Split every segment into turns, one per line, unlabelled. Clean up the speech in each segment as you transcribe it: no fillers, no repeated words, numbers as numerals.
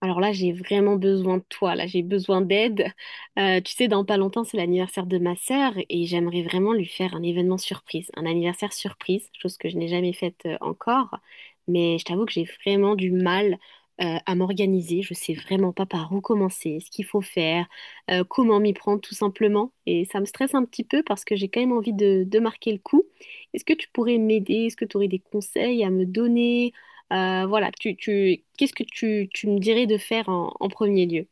Alors là, j'ai vraiment besoin de toi, là, j'ai besoin d'aide. Tu sais, dans pas longtemps, c'est l'anniversaire de ma sœur et j'aimerais vraiment lui faire un événement surprise, un anniversaire surprise, chose que je n'ai jamais faite encore. Mais je t'avoue que j'ai vraiment du mal à m'organiser. Je sais vraiment pas par où commencer, ce qu'il faut faire, comment m'y prendre tout simplement. Et ça me stresse un petit peu parce que j'ai quand même envie de marquer le coup. Est-ce que tu pourrais m'aider? Est-ce que tu aurais des conseils à me donner? Qu'est-ce que tu me dirais de faire en premier lieu?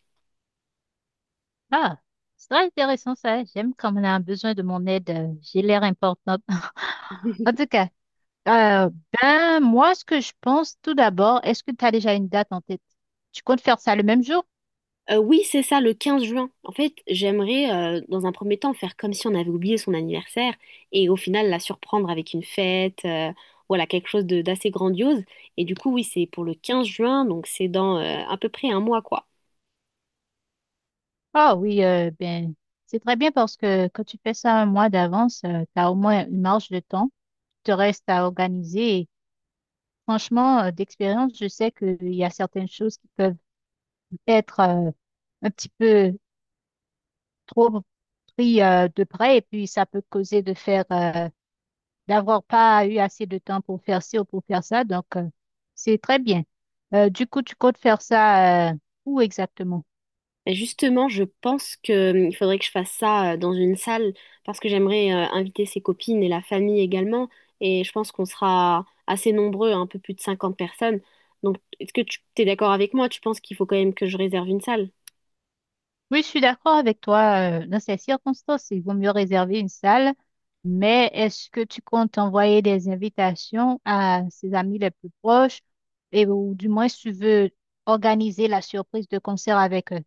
Ah, c'est très intéressant ça. J'aime quand on a besoin de mon aide. J'ai l'air importante. En tout cas, euh, ben, moi, ce que je pense tout d'abord, est-ce que tu as déjà une date en tête? Tu comptes faire ça le même jour?
Oui, c'est ça, le 15 juin. En fait, j'aimerais dans un premier temps, faire comme si on avait oublié son anniversaire et au final la surprendre avec une fête, voilà, quelque chose de- d'assez grandiose. Et du coup, oui, c'est pour le 15 juin, donc c'est dans à peu près 1 mois, quoi.
Ah oui, ben, c'est très bien parce que quand tu fais ça un mois d'avance, tu as au moins une marge de temps qui te reste à organiser. Et franchement, d'expérience, je sais qu'il y a certaines choses qui peuvent être un petit peu trop pris de près et puis ça peut causer de faire d'avoir pas eu assez de temps pour faire ci ou pour faire ça. Donc, c'est très bien. Du coup, tu comptes faire ça où exactement?
Et justement, je pense qu'il faudrait que je fasse ça dans une salle parce que j'aimerais inviter ses copines et la famille également. Et je pense qu'on sera assez nombreux, un peu plus de 50 personnes. Donc, est-ce que tu es d'accord avec moi? Tu penses qu'il faut quand même que je réserve une salle?
Oui, je suis d'accord avec toi. Dans ces circonstances, il vaut mieux réserver une salle. Mais est-ce que tu comptes envoyer des invitations à ses amis les plus proches et ou du moins tu veux organiser la surprise de concert avec eux?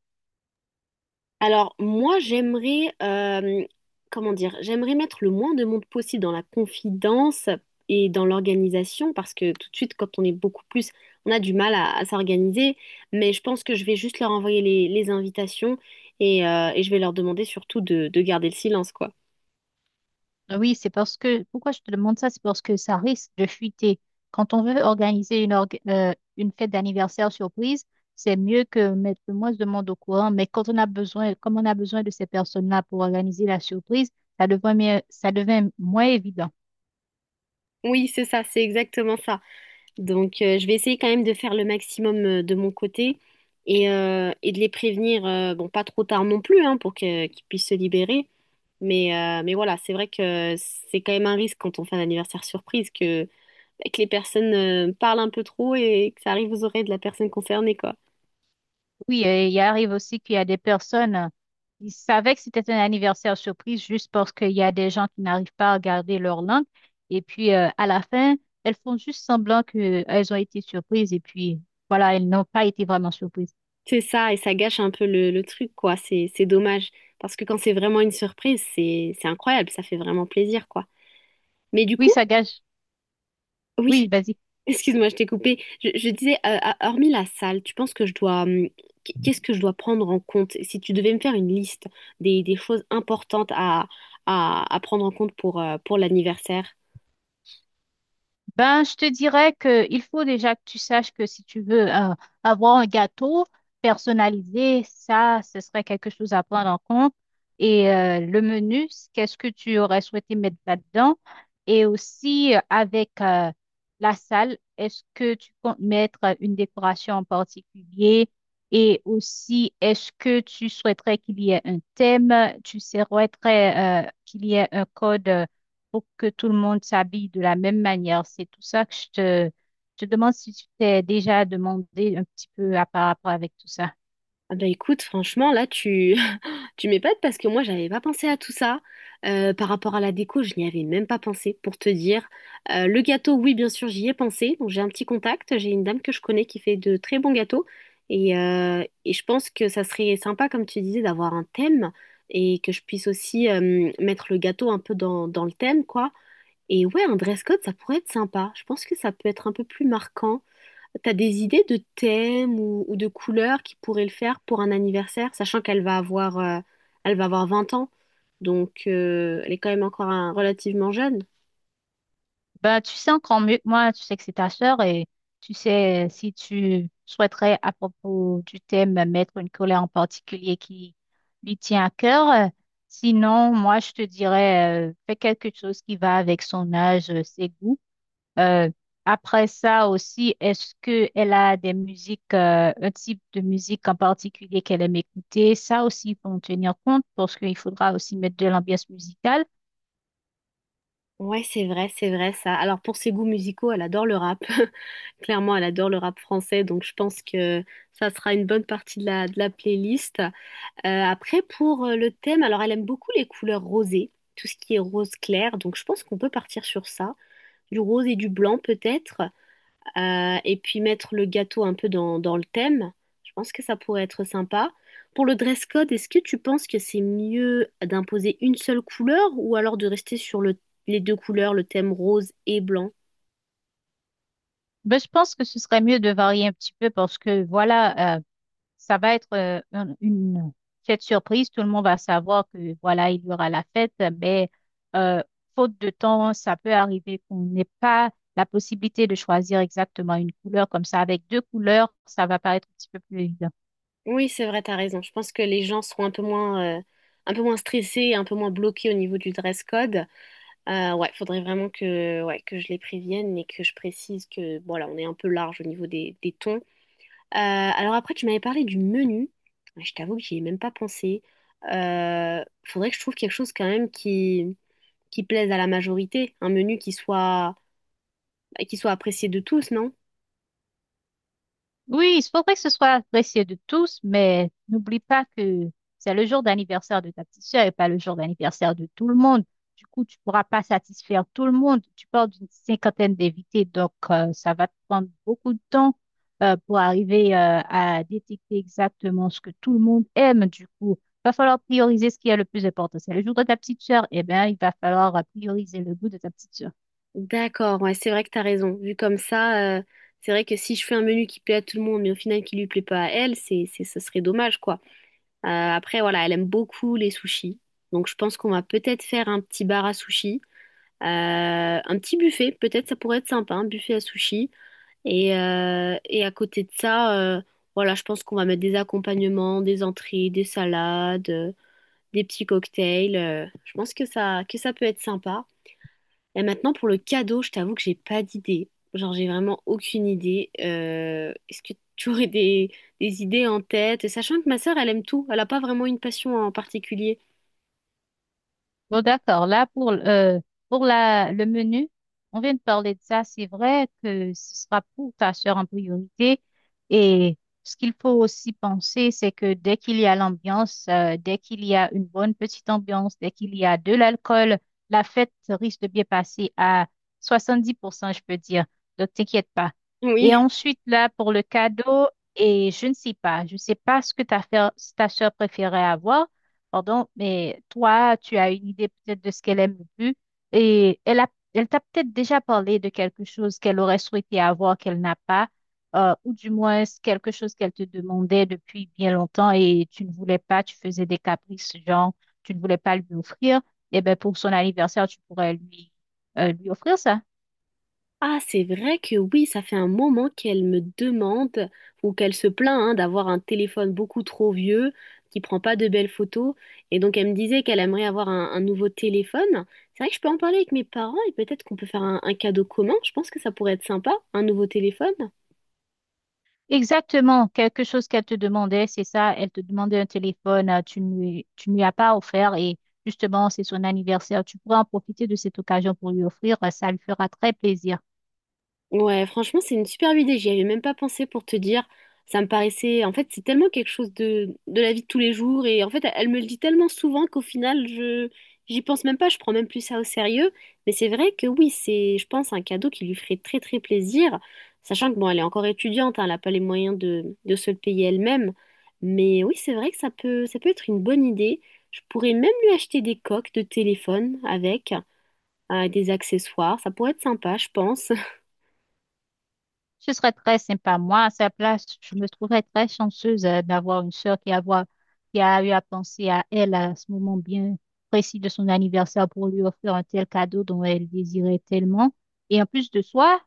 Alors, moi, j'aimerais, comment dire, j'aimerais mettre le moins de monde possible dans la confidence et dans l'organisation parce que tout de suite, quand on est beaucoup plus, on a du mal à s'organiser. Mais je pense que je vais juste leur envoyer les invitations et je vais leur demander surtout de garder le silence, quoi.
Ah oui, c'est parce que, pourquoi je te demande ça? C'est parce que ça risque de fuiter. Quand on veut organiser une, une fête d'anniversaire surprise, c'est mieux que mettre le moins de monde au courant. Mais quand on a besoin, comme on a besoin de ces personnes-là pour organiser la surprise, ça devient, ça devient moins évident.
Oui, c'est ça, c'est exactement ça. Donc, je vais essayer quand même de faire le maximum de mon côté et de les prévenir, bon, pas trop tard non plus, hein, pour que- qu'ils puissent se libérer. Mais voilà, c'est vrai que c'est quand même un risque quand on fait un anniversaire surprise que, bah, que les personnes parlent un peu trop et que ça arrive aux oreilles de la personne concernée, quoi.
Oui, il arrive aussi qu'il y a des personnes, ils savaient que c'était un anniversaire surprise juste parce qu'il y a des gens qui n'arrivent pas à garder leur langue. Et puis, à la fin, elles font juste semblant qu'elles ont été surprises. Et puis, voilà, elles n'ont pas été vraiment surprises.
C'est ça, et ça gâche un peu le truc, quoi. C'est dommage. Parce que quand c'est vraiment une surprise, c'est incroyable, ça fait vraiment plaisir, quoi. Mais du
Oui,
coup,
ça gâche.
oui.
Oui, vas-y.
Excuse-moi, je t'ai coupé. Je disais, hormis la salle, tu penses que je dois, qu'est-ce que je dois prendre en compte? Si tu devais me faire une liste des choses importantes à prendre en compte pour l'anniversaire.
Ben, je te dirais que il faut déjà que tu saches que si tu veux avoir un gâteau personnalisé, ça, ce serait quelque chose à prendre en compte. Et le menu, qu'est-ce que tu aurais souhaité mettre là-dedans? Et aussi avec la salle, est-ce que tu comptes mettre une décoration en particulier? Et aussi, est-ce que tu souhaiterais qu'il y ait un thème? Tu souhaiterais qu'il y ait un code? Pour que tout le monde s'habille de la même manière. C'est tout ça que je te demande si tu t'es déjà demandé un petit peu à par rapport avec tout ça.
Ah bah écoute, franchement, tu m'épates parce que moi, j'avais pas pensé à tout ça. Par rapport à la déco, je n'y avais même pas pensé, pour te dire. Le gâteau, oui, bien sûr, j'y ai pensé. Donc, j'ai un petit contact. J'ai une dame que je connais qui fait de très bons gâteaux. Et je pense que ça serait sympa, comme tu disais, d'avoir un thème et que je puisse aussi mettre le gâteau un peu dans le thème, quoi. Et ouais, un dress code, ça pourrait être sympa. Je pense que ça peut être un peu plus marquant. T'as des idées de thèmes ou de couleurs qui pourraient le faire pour un anniversaire, sachant qu'elle va avoir, elle va avoir 20 ans, donc elle est quand même encore un- relativement jeune.
Ben, tu sais encore mieux que moi, tu sais que c'est ta sœur et tu sais si tu souhaiterais à propos du thème mettre une colère en particulier qui lui tient à cœur. Sinon, moi, je te dirais, fais quelque chose qui va avec son âge, ses goûts. Euh, après ça aussi, est-ce que elle a des musiques, un type de musique en particulier qu'elle aime écouter? Ça aussi, il faut en tenir compte parce qu'il faudra aussi mettre de l'ambiance musicale.
Ouais, c'est vrai ça. Alors pour ses goûts musicaux, elle adore le rap. Clairement, elle adore le rap français, donc je pense que ça sera une bonne partie de la playlist. Après, pour le thème, alors elle aime beaucoup les couleurs rosées, tout ce qui est rose clair, donc je pense qu'on peut partir sur ça. Du rose et du blanc peut-être. Et puis mettre le gâteau un peu dans le thème. Je pense que ça pourrait être sympa. Pour le dress code, est-ce que tu penses que c'est mieux d'imposer une seule couleur ou alors de rester sur les deux couleurs, le thème rose et blanc?
Mais je pense que ce serait mieux de varier un petit peu parce que voilà, ça va être une fête surprise. Tout le monde va savoir que voilà, il y aura la fête, mais euh, faute de temps, ça peut arriver qu'on n'ait pas la possibilité de choisir exactement une couleur comme ça. Avec deux couleurs, ça va paraître un petit peu plus évident.
Oui, c'est vrai, t'as raison. Je pense que les gens seront un peu moins stressés, un peu moins bloqués au niveau du dress code. Ouais, faudrait vraiment que, ouais, que je les prévienne et que je précise que, voilà, on est un peu large au niveau des tons. Alors après, tu m'avais parlé du menu. Je t'avoue que j'y ai même pas pensé. Faudrait que je trouve quelque chose quand même qui plaise à la majorité. Un menu qui soit, bah, qui soit apprécié de tous, non?
Oui, il faudrait que ce soit apprécié de tous, mais n'oublie pas que c'est le jour d'anniversaire de ta petite sœur et pas le jour d'anniversaire de tout le monde. Du coup, tu pourras pas satisfaire tout le monde. Tu parles d'une cinquantaine d'invités, donc ça va te prendre beaucoup de temps pour arriver à détecter exactement ce que tout le monde aime. Du coup, va falloir prioriser ce qui est le plus important. C'est le jour de ta petite sœur, eh bien, il va falloir prioriser le goût de ta petite sœur.
D'accord, ouais, c'est vrai que t'as raison. Vu comme ça, c'est vrai que si je fais un menu qui plaît à tout le monde, mais au final qui lui plaît pas à elle, ce serait dommage, quoi. Après, voilà, elle aime beaucoup les sushis. Donc je pense qu'on va peut-être faire un petit bar à sushis. Euh, un petit buffet, peut-être ça pourrait être sympa, un buffet à sushi. Et à côté de ça, voilà, je pense qu'on va mettre des accompagnements, des entrées, des salades, des petits cocktails. Je pense que que ça peut être sympa. Et maintenant, pour le cadeau, je t'avoue que j'ai pas d'idée. Genre, j'ai vraiment aucune idée. Est-ce que tu aurais des idées en tête? Sachant que ma sœur, elle aime tout. Elle n'a pas vraiment une passion en particulier.
Bon, d'accord. Là, pour la, le menu, on vient de parler de ça. C'est vrai que ce sera pour ta soeur en priorité. Et ce qu'il faut aussi penser, c'est que dès qu'il y a l'ambiance, dès qu'il y a une bonne petite ambiance, dès qu'il y a de l'alcool, la fête risque de bien passer à 70% je peux dire. Donc, t'inquiète pas. Et
Oui.
ensuite, là, pour le cadeau, et je ne sais pas, je ne sais pas ce que ta, ta soeur préférait avoir. Pardon, mais toi, tu as une idée peut-être de ce qu'elle aime le plus et elle a, elle t'a peut-être déjà parlé de quelque chose qu'elle aurait souhaité avoir qu'elle n'a pas, ou du moins c'est quelque chose qu'elle te demandait depuis bien longtemps et tu ne voulais pas, tu faisais des caprices, genre tu ne voulais pas lui offrir. Et ben pour son anniversaire, tu pourrais lui, lui offrir ça.
Ah, c'est vrai que oui, ça fait un moment qu'elle me demande ou qu'elle se plaint hein, d'avoir un téléphone beaucoup trop vieux qui prend pas de belles photos. Et donc, elle me disait qu'elle aimerait avoir un nouveau téléphone. C'est vrai que je peux en parler avec mes parents et peut-être qu'on peut faire un cadeau commun. Je pense que ça pourrait être sympa, un nouveau téléphone.
Exactement, quelque chose qu'elle te demandait, c'est ça, elle te demandait un téléphone, tu ne lui as pas offert et justement, c'est son anniversaire, tu pourras en profiter de cette occasion pour lui offrir, ça lui fera très plaisir.
Ouais, franchement, c'est une superbe idée. J'y avais même pas pensé pour te dire. Ça me paraissait. En fait, c'est tellement quelque chose de la vie de tous les jours. Et en fait, elle me le dit tellement souvent qu'au final, je j'y pense même pas. Je prends même plus ça au sérieux. Mais c'est vrai que oui, c'est, je pense, un cadeau qui lui ferait très, très plaisir. Sachant que, bon, elle est encore étudiante. Hein, elle n'a pas les moyens de se le payer elle-même. Mais oui, c'est vrai que ça peut être une bonne idée. Je pourrais même lui acheter des coques de téléphone avec, des accessoires. Ça pourrait être sympa, je pense.
Ce serait très sympa. Moi, à sa place, je me trouverais très chanceuse, d'avoir une sœur qui a, qui a eu à penser à elle à ce moment bien précis de son anniversaire pour lui offrir un tel cadeau dont elle désirait tellement. Et en plus de soi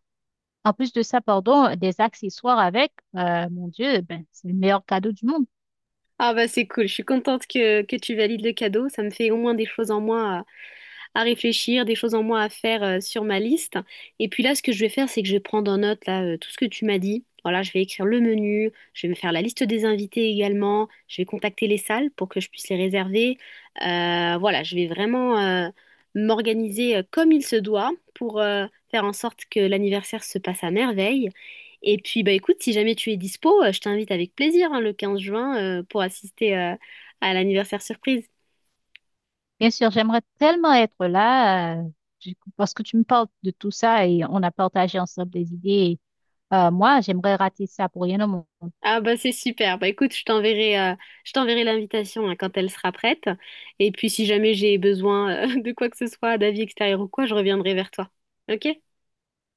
En plus de ça, pardon, des accessoires avec, mon Dieu, ben, c'est le meilleur cadeau du monde.
Ah bah c'est cool, je suis contente que tu valides le cadeau. Ça me fait au moins des choses en moins à réfléchir, des choses en moins à faire sur ma liste. Et puis là, ce que je vais faire, c'est que je vais prendre en note là, tout ce que tu m'as dit. Voilà, je vais écrire le menu, je vais me faire la liste des invités également, je vais contacter les salles pour que je puisse les réserver. Voilà, je vais vraiment m'organiser comme il se doit pour faire en sorte que l'anniversaire se passe à merveille. Et puis, bah écoute, si jamais tu es dispo, je t'invite avec plaisir hein, le 15 juin pour assister à l'anniversaire surprise.
Bien sûr, j'aimerais tellement être là, du coup, parce que tu me parles de tout ça et on a partagé ensemble des idées. Moi, j'aimerais rater ça pour rien au monde.
Ah bah c'est super. Bah écoute, je t'enverrai l'invitation hein, quand elle sera prête. Et puis si jamais j'ai besoin de quoi que ce soit, d'avis extérieur ou quoi, je reviendrai vers toi. Ok?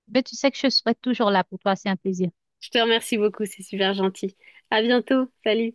Mais tu sais que je serai toujours là pour toi, c'est un plaisir.
Je te remercie beaucoup, c'est super gentil. À bientôt. Salut.